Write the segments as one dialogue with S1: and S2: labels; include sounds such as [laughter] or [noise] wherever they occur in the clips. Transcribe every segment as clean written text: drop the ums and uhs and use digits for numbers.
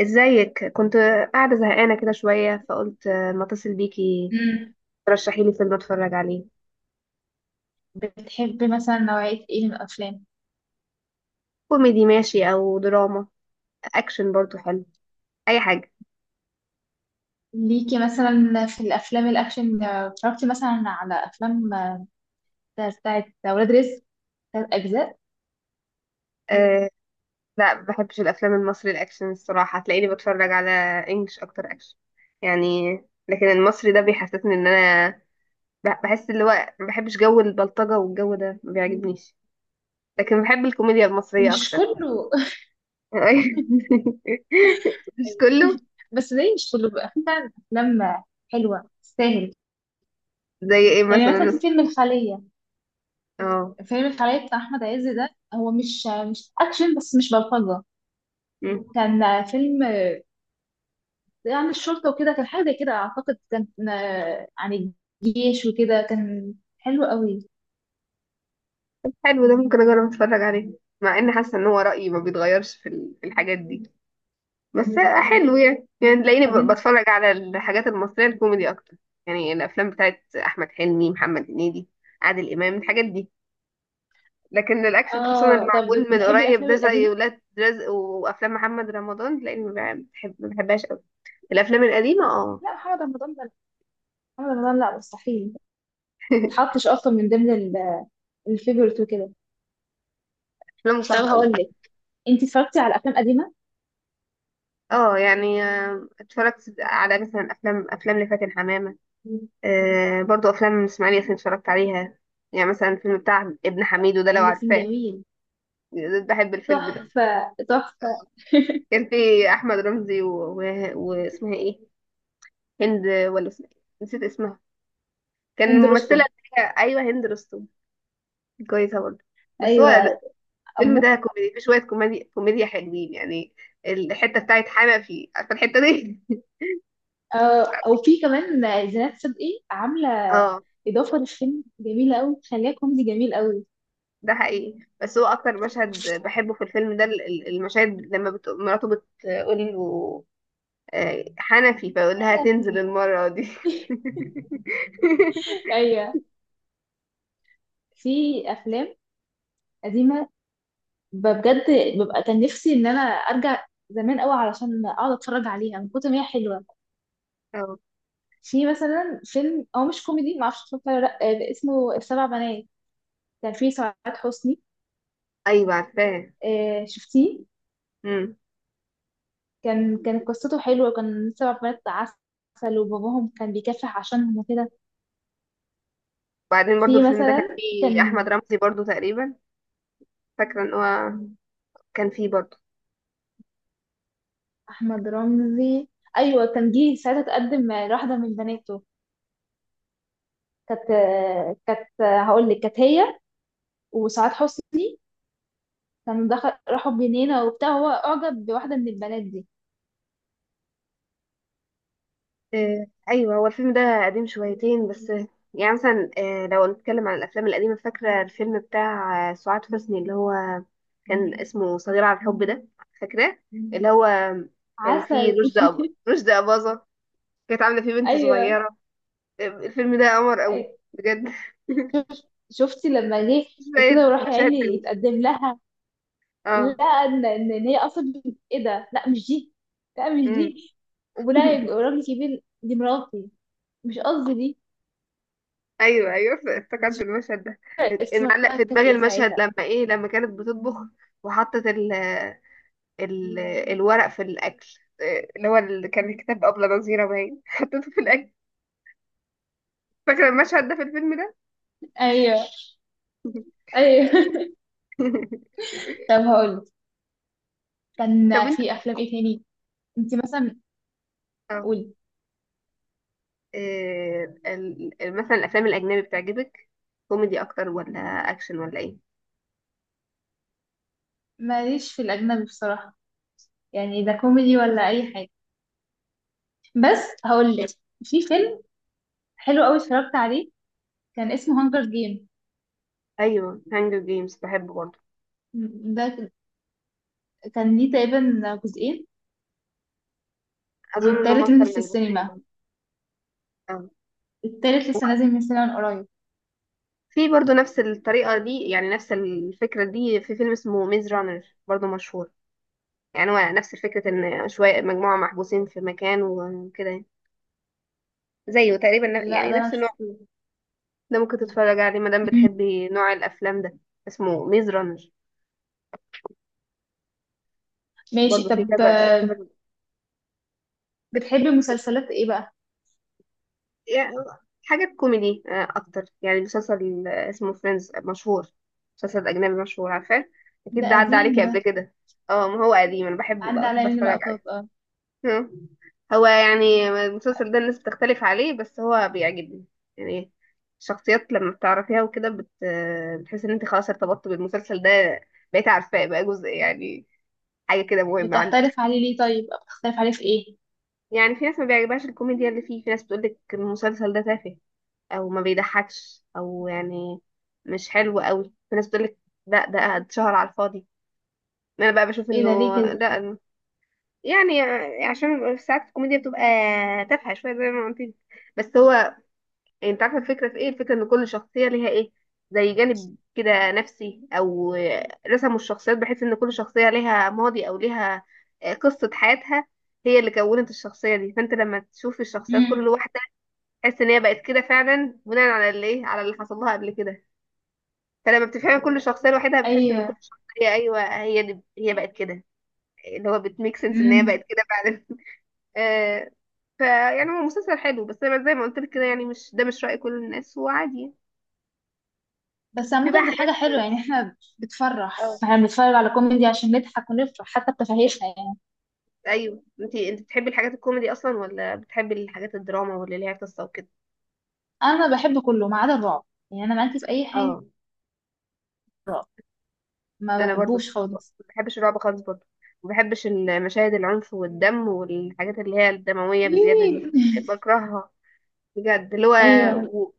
S1: ازيك؟ كنت قاعدة زهقانة كده شوية، فقلت ما اتصل بيكي
S2: مم.
S1: ترشحي لي فيلم اتفرج عليه.
S2: بتحبي مثلا نوعية ايه من الأفلام؟
S1: كوميدي ماشي، او دراما، اكشن برضو حلو، اي حاجة.
S2: ليكي مثلا في الأفلام الأكشن اتفرجتي مثلا على أفلام بتاعت ولاد رزق تلات أجزاء.
S1: مم. أه. لا، ما بحبش الافلام المصري الاكشن الصراحة. هتلاقيني بتفرج على انجلش اكتر، اكشن يعني. لكن المصري ده بيحسسني ان انا بحس اللي هو ما بحبش جو البلطجة، والجو ده ما بيعجبنيش. لكن بحب الكوميديا المصرية
S2: مش
S1: اكتر.
S2: كله.
S1: [laughs]
S2: [laughs]
S1: مش
S2: أيوة.
S1: كله.
S2: بس زي مش كله بقى في فعلا أفلام حلوة تستاهل.
S1: زي ايه
S2: يعني مثلا
S1: مثلا؟
S2: في فيلم الخلية.
S1: اه،
S2: فيلم الخلية بتاع أحمد عز ده هو مش أكشن، بس مش بلطجة. كان فيلم عن الشرطة وكده. كان حاجة زي كده أعتقد. كان عن الجيش وكده. كان حلو قوي.
S1: حلو، ده ممكن اجرب اتفرج عليه. مع اني حاسه ان هو رايي ما بيتغيرش في في الحاجات دي بس. حلو، يعني تلاقيني
S2: طب انت.
S1: بتفرج على الحاجات المصريه الكوميدي اكتر. يعني الافلام بتاعت احمد حلمي، محمد هنيدي، عادل امام، الحاجات دي. لكن الاكشن خصوصا اللي
S2: اه طب
S1: معمول من
S2: بتحبي
S1: قريب
S2: الافلام
S1: ده، زي
S2: القديمه؟
S1: ولاد رزق وافلام محمد رمضان، تلاقيني ما بحبهاش قوي. الافلام القديمه، اه.
S2: لا، محمد رمضان ده، محمد رمضان لا، مستحيل. ما
S1: [laughs]
S2: اتحطش اصلا من ضمن الفيفورت وكده.
S1: افلام
S2: طب
S1: صعبه قوي.
S2: هقول لك، انت اتفرجتي على افلام قديمه؟
S1: اه، يعني اتفرجت على مثلا افلام لفاتن حمامة. برضو افلام اسماعيل ياسين اتفرجت عليها. يعني مثلا الفيلم بتاع ابن حميدو ده، لو
S2: لان كان
S1: عارفاه.
S2: جميل.
S1: بحب الفيلم ده.
S2: تحفه تحفه.
S1: كان في احمد رمزي و... واسمها ايه، هند ولا اسمها إيه؟ نسيت اسمها. كان
S2: هند
S1: الممثله
S2: رستم.
S1: اللي هي، ايوه، هند رستم. كويسه برضه، بس هو
S2: ايوه.
S1: الفيلم
S2: أمو...
S1: ده كوميدي، في شويه كوميديا كوميديا حلوين يعني. الحته بتاعت حنا فيه، عارفه الحته دي؟
S2: او في كمان زينات صدقي عامله
S1: [laughs] اه،
S2: اضافه للفيلم، جميله قوي، خليها كوميدي جميل قوي.
S1: ده حقيقي. بس هو اكتر مشهد بحبه في الفيلم ده المشاهد لما مراته بتقول له حنفي، فيقول لها
S2: انا
S1: تنزل
S2: في-
S1: المرة دي. [laughs]
S2: [laughs] ايوه. في افلام قديمه بجد، ببقى كان نفسي ان انا ارجع زمان قوي علشان اقعد اتفرج عليها من كتر ما هي حلوه.
S1: أو.
S2: في مثلا فيلم هو مش كوميدي، ما اعرفش اتفرجت عليه ولا لا، اسمه السبع بنات. كان فيه سعاد حسني.
S1: ايوه عارفاه.
S2: شفتيه؟
S1: امم.
S2: كانت قصته حلوه، وكان سبع بنات عسل وباباهم كان بيكافح عشانهم وكده.
S1: وبعدين برضو
S2: في
S1: الفيلم ده كان
S2: مثلا
S1: فيه
S2: كان
S1: احمد رمزي برضو تقريبا، فاكره ان هو كان فيه برضو.
S2: احمد رمزي. ايوه، كان جه ساعتها تقدم لواحده من بناته. كانت آه، كانت آه، هقول لك، كانت هي وسعاد حسني كانوا دخل راحوا جنينة وبتاع، هو أعجب بواحدة من البنات دي.
S1: ايوه، هو الفيلم ده قديم شويتين بس. يعني مثلا لو نتكلم عن الافلام القديمه، فاكره الفيلم بتاع سعاد حسني، اللي هو كان اسمه صغير على الحب ده، فاكراه؟ اللي هو كان فيه
S2: عسل. [laughs]
S1: رشدي أباظة، كانت عاملة فيه بنت
S2: أيوة.
S1: صغيرة. الفيلم ده قمر قوي،
S2: أي-
S1: بجد. [laughs]
S2: شف- شفتي لما جه
S1: شوية
S2: وكده وراح يا
S1: مشاهد
S2: عيني
S1: حلوة.
S2: يتقدم لها.
S1: اه.
S2: لا، إن هي أصلا إيه ده؟ لا مش دي، لا مش
S1: امم.
S2: دي، ولا يبقى
S1: [laughs]
S2: راجل كبير دي مراتي. مش قصدي دي.
S1: ايوه، ايوه، افتكرت
S2: مش
S1: المشهد ده.
S2: فاكرة اسمها
S1: المعلق في
S2: كانت
S1: دماغي
S2: إيه
S1: المشهد
S2: ساعتها.
S1: لما كانت بتطبخ وحطت ال ال الورق في الاكل. إيه، اللي كان كتاب ابله نظيره باين [laughs] حطيته في الاكل. فاكره المشهد ده في الفيلم ده.
S2: أيوه، أيوه. [laughs] طب
S1: [laughs]
S2: هقولك، كان
S1: طب انت.
S2: في أفلام إيه تاني؟ أنت مثلا،
S1: اه.
S2: قولي.
S1: مثلا الافلام الاجنبي بتعجبك؟ كوميدي اكتر ولا اكشن ولا ايه؟
S2: ماليش في الأجنبي بصراحة. يعني ده كوميدي ولا أي حاجة. بس هقول لك، في فيلم حلو قوي اتفرجت عليه، كان اسمه هانجر جيم.
S1: ايوه، هانجر جيمز بحبه برضه.
S2: ده كان ليه تقريبا جزئين،
S1: اظن انهم
S2: والتالت
S1: اكتر
S2: نزل في
S1: من
S2: السينما.
S1: جزئين، اه.
S2: التالت لسه نازل من السينما من قريب.
S1: في برضه نفس الطريقه دي، يعني نفس الفكره دي، في فيلم اسمه ميز رانر برضه مشهور. يعني هو نفس فكره ان شويه مجموعه محبوسين في مكان وكده يعني. زيه تقريبا
S2: لا
S1: يعني
S2: ده انا
S1: نفس النوع.
S2: شفته.
S1: ده ممكن تتفرج عليه ما دام
S2: مم.
S1: بتحبي نوع الافلام ده. اسمه ميز رانر.
S2: ماشي.
S1: برضه في
S2: طب
S1: كذا كذا.
S2: بتحبي مسلسلات ايه بقى؟
S1: يعني حاجة كوميدي أكتر، يعني مسلسل اسمه فريندز، مشهور، مسلسل أجنبي مشهور، عارفاه؟
S2: ده
S1: أكيد ده عدى
S2: قديم
S1: عليكي
S2: ده.
S1: قبل كده. اه، ما هو قديم، أنا بحبه بقى،
S2: عدى عليا
S1: بحب
S2: من
S1: أتفرج عليه.
S2: لقطات اه
S1: آه. هو يعني المسلسل ده الناس بتختلف عليه، بس هو بيعجبني يعني. الشخصيات لما بتعرفيها وكده بت... آه، بتحس إن أنت خلاص ارتبطت بالمسلسل ده، بقيت عارفاه بقى جزء يعني، حاجة كده مهمة عندك.
S2: بتختلف عليه ليه طيب؟ بتختلف عليه في ايه؟
S1: يعني في ناس ما بيعجبهاش الكوميديا اللي فيه، في ناس بتقولك المسلسل ده تافه، او ما بيضحكش، او يعني مش حلو قوي. في ناس بتقولك لا، ده اتشهر على الفاضي. انا بقى بشوف
S2: ايه ده ليه
S1: انه
S2: كده؟
S1: لا. يعني عشان ساعات الكوميديا بتبقى تافهه شويه زي ما قلت لك. بس هو، انت عارفه الفكره في ايه؟ الفكره ان كل شخصيه ليها ايه، زي جانب كده نفسي، او رسموا الشخصيات بحيث ان كل شخصيه ليها ماضي، او ليها قصه حياتها هي اللي كونت الشخصيه دي. فانت لما تشوف الشخصيات كل
S2: امم.
S1: واحده، تحس ان هي بقت كده فعلا، بناء على اللي ايه على اللي حصل لها قبل كده. فلما بتفهمي كل شخصيه لوحدها، بتحس ان كل
S2: ايوه.
S1: شخصيه، ايوه هي دي، هي بقت كده. اللي هو بتميك سنس ان هي بقت
S2: امم.
S1: كده فعلا. [laughs] آه. فيعني هو مسلسل حلو، بس انا زي ما قلت لك كده، يعني مش راي كل الناس، وعادي.
S2: بس
S1: في بقى
S2: عامة دي
S1: حاجات.
S2: حاجة حلوة يعني، احنا بتفرح،
S1: اه.
S2: احنا بنتفرج على كوميدي عشان نضحك ونفرح حتى بتفاهيشنا يعني.
S1: ايوه، انت بتحبي الحاجات الكوميدي اصلا، ولا بتحبي الحاجات الدراما واللي ليها قصه وكده؟
S2: انا بحب كله ما عدا الرعب. يعني انا معاكي في اي حاجه.
S1: اه.
S2: رعب ما
S1: انا برضو ما
S2: بحبوش
S1: بحبش
S2: خالص.
S1: ما بحبش الرعب خالص برضو. ما بحبش المشاهد العنف والدم، والحاجات اللي هي الدمويه بزياده دي،
S2: إيه. [laughs]
S1: بكرهها بجد اللي هو.
S2: ايوه.
S1: و...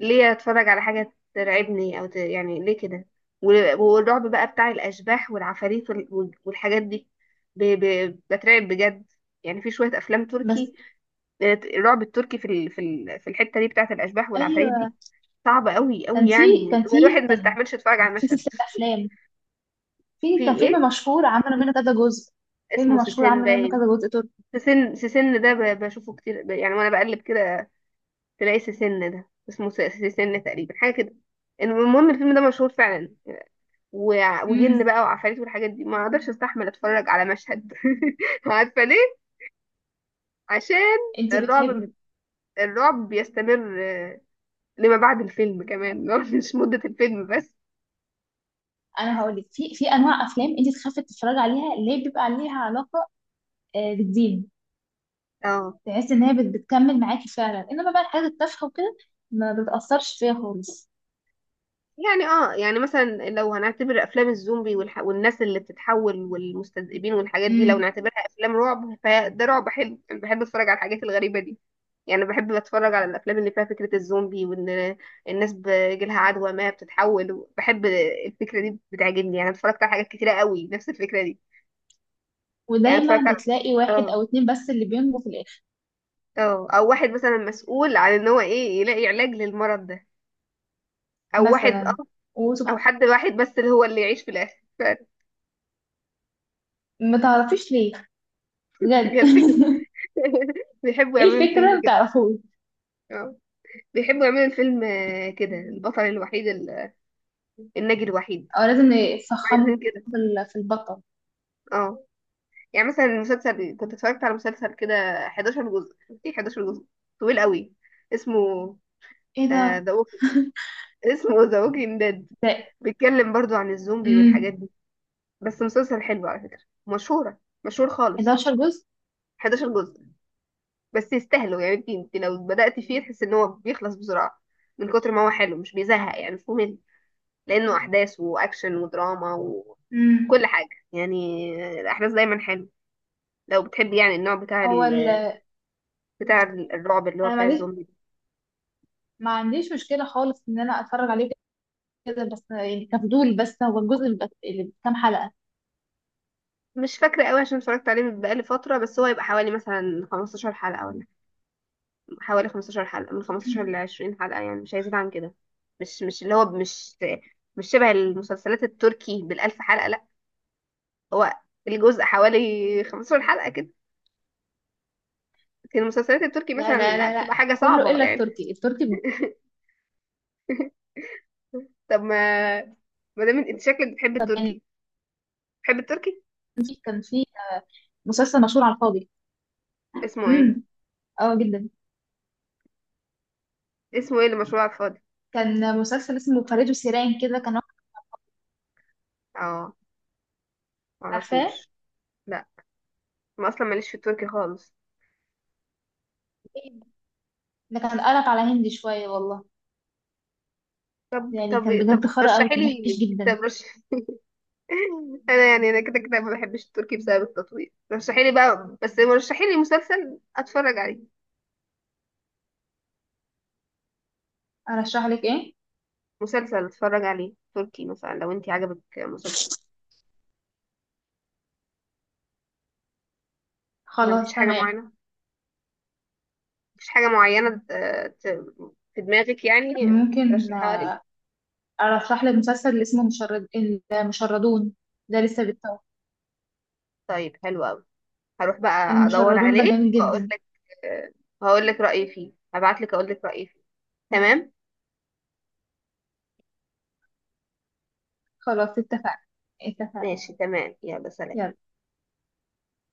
S1: ليه اتفرج على حاجة ترعبني، او يعني ليه كده؟ والرعب بقى بتاع الاشباح والعفاريت والحاجات دي بترعب بجد. يعني في شوية افلام
S2: بس
S1: تركي، الرعب التركي في الحتة دي بتاعة الاشباح والعفاريت دي،
S2: ايوه،
S1: صعبة قوي
S2: كان
S1: قوي،
S2: في
S1: يعني أنا
S2: كان
S1: الواحد
S2: في
S1: ما
S2: كان
S1: يستحملش يتفرج على
S2: في
S1: المشهد.
S2: سلسله
S1: [laughs]
S2: افلام.
S1: في
S2: كان
S1: ايه؟
S2: فيلم مشهور عملوا منه كذا جزء.
S1: اسمه
S2: فيلم مشهور
S1: سيسين
S2: عملوا منه
S1: باين.
S2: كذا جزء تركي.
S1: سيسين ده بشوفه كتير، يعني وانا بقلب كده تلاقي سيسن ده، اسمه سيسن تقريبا، حاجه كده. المهم الفيلم ده مشهور فعلا. وجن
S2: امم
S1: بقى وعفاريت والحاجات دي، ما اقدرش استحمل اتفرج على مشهد. [laughs] عارفه ليه؟ عشان
S2: انت
S1: الرعب
S2: بتحبي.
S1: الرعب بيستمر لما بعد الفيلم كمان. [laughs] مش مده الفيلم بس.
S2: انا هقول لك، في انواع افلام انت تخافي تتفرجي عليها، اللي هي بيبقى عليها علاقه بالدين،
S1: اه
S2: تحس ان هي بتكمل معاكي فعلا. انما بقى الحاجات التافهه وكده ما بتاثرش فيها خالص.
S1: يعني، مثلا لو هنعتبر افلام الزومبي والناس اللي بتتحول والمستذئبين والحاجات دي، لو نعتبرها افلام رعب، فده رعب حلو، انا بحب اتفرج على الحاجات الغريبه دي. يعني بحب اتفرج على الافلام اللي فيها فكره الزومبي، وان الناس بيجيلها عدوى ما بتتحول، بحب الفكره دي، بتعجبني يعني. اتفرجت على حاجات كتيره قوي نفس الفكره دي. يعني اتفرجت
S2: ودايما
S1: على،
S2: بتلاقي واحد
S1: اه
S2: او اتنين بس اللي بينجوا في الاخر.
S1: اه او واحد مثلا مسؤول عن ان هو ايه يلاقي علاج للمرض ده، او واحد،
S2: مثلا،
S1: او
S2: وسبحان،
S1: حد واحد بس اللي هو اللي يعيش في الاخر
S2: ما تعرفيش ليه
S1: [laughs]
S2: بجد.
S1: هي الفكره. [laughs] بيحبوا
S2: [laughs] ايه
S1: يعملوا
S2: الفكرة،
S1: الفيلم
S2: ما
S1: كده.
S2: تعرفوش؟
S1: اه. بيحبوا يعملوا الفيلم كده، البطل الوحيد، الناجي الوحيد،
S2: او لازم يفخموا
S1: عايزين كده.
S2: في البطل.
S1: اه، يعني مثلا المسلسل كنت اتفرجت على مسلسل كده، 11 جزء، ايه 11 جزء، طويل قوي، اسمه
S2: ايه ده.
S1: ذا ووكينج
S2: [laughs]
S1: اسمه [laughs] ذا ووكينج ديد.
S2: ده
S1: بيتكلم برضو عن الزومبي والحاجات
S2: امم
S1: دي. بس مسلسل حلو على فكرة، مشهورة مشهور خالص.
S2: 11 جزء.
S1: 11 جزء، بس يستاهلوا يعني. انت لو بدأت فيه تحس ان هو بيخلص بسرعة، من كتر ما هو حلو، مش بيزهق يعني، مش ممل، لأنه أحداث وأكشن ودراما
S2: امم.
S1: وكل حاجة يعني. الأحداث دايما حلوة. لو بتحبي يعني النوع
S2: هو ال-
S1: بتاع الرعب، اللي هو
S2: انا ما
S1: بتاع
S2: عنديش
S1: الزومبي
S2: ما عنديش مشكلة خالص ان انا اتفرج عليه كده، بس يعني كفضول. بس هو الجزء اللي بكام حلقة؟
S1: ده. مش فاكرة قوي عشان اتفرجت عليه من بقالي فترة، بس هو يبقى حوالي مثلا 15 حلقة، ولا حوالي 15 حلقة، من 15 ل
S2: [laughs]
S1: 20 حلقة يعني، مش هيزيد عن كده. مش مش اللي هو مش شبه المسلسلات التركي بالألف حلقة، لا. هو الجزء حوالي 15 حلقة كده. لكن المسلسلات التركي
S2: لا
S1: مثلا،
S2: لا
S1: لا،
S2: لا لا،
S1: بتبقى حاجة
S2: كله
S1: صعبة
S2: الا
S1: يعني.
S2: التركي. التركي.
S1: [laughs] طب، ما دام انت شكلك بتحب
S2: طب يعني
S1: التركي، بتحب التركي.
S2: كان في مسلسل مشهور على الفاضي.
S1: اسمه
S2: امم
S1: ايه؟
S2: اه جدا.
S1: اسمه ايه اللي مشهور على الفاضي؟
S2: كان مسلسل اسمه فريد وسيران كده، كان واحد.
S1: اه،
S2: عارفاه؟
S1: معرفوش، لا. ما اصلا ماليش في التركي خالص.
S2: ده كان قلب على هندي شوية والله.
S1: طب
S2: يعني كان
S1: طب طب
S2: بجد خرا أوي،
S1: رشحي
S2: كان
S1: لي.
S2: وحش جدا.
S1: طب رش [laughs] انا، كده كده ما بحبش التركي بسبب التطوير. رشحي لي بقى، بس رشحي لي مسلسل اتفرج عليه،
S2: أرشح لك إيه؟
S1: مسلسل اتفرج عليه تركي مثلا، لو انت عجبك مسلسل. ما
S2: خلاص
S1: فيش حاجه
S2: تمام.
S1: معينه مفيش حاجه معينه ت- في دماغك يعني،
S2: ممكن
S1: ترشحها لي؟
S2: أرشح لك مسلسل اللي اسمه مشرد، المشردون. ده لسه بيتصور.
S1: طيب، حلو قوي. هروح بقى ادور
S2: المشردون ده
S1: عليه
S2: جميل
S1: واقول
S2: جدا.
S1: لك، هقول لك رايي فيه. هبعت لك اقول لك رايي فيه. تمام.
S2: خلاص اتفقنا، اتفقنا.
S1: ماشي، تمام، يلا، سلام.
S2: يلا.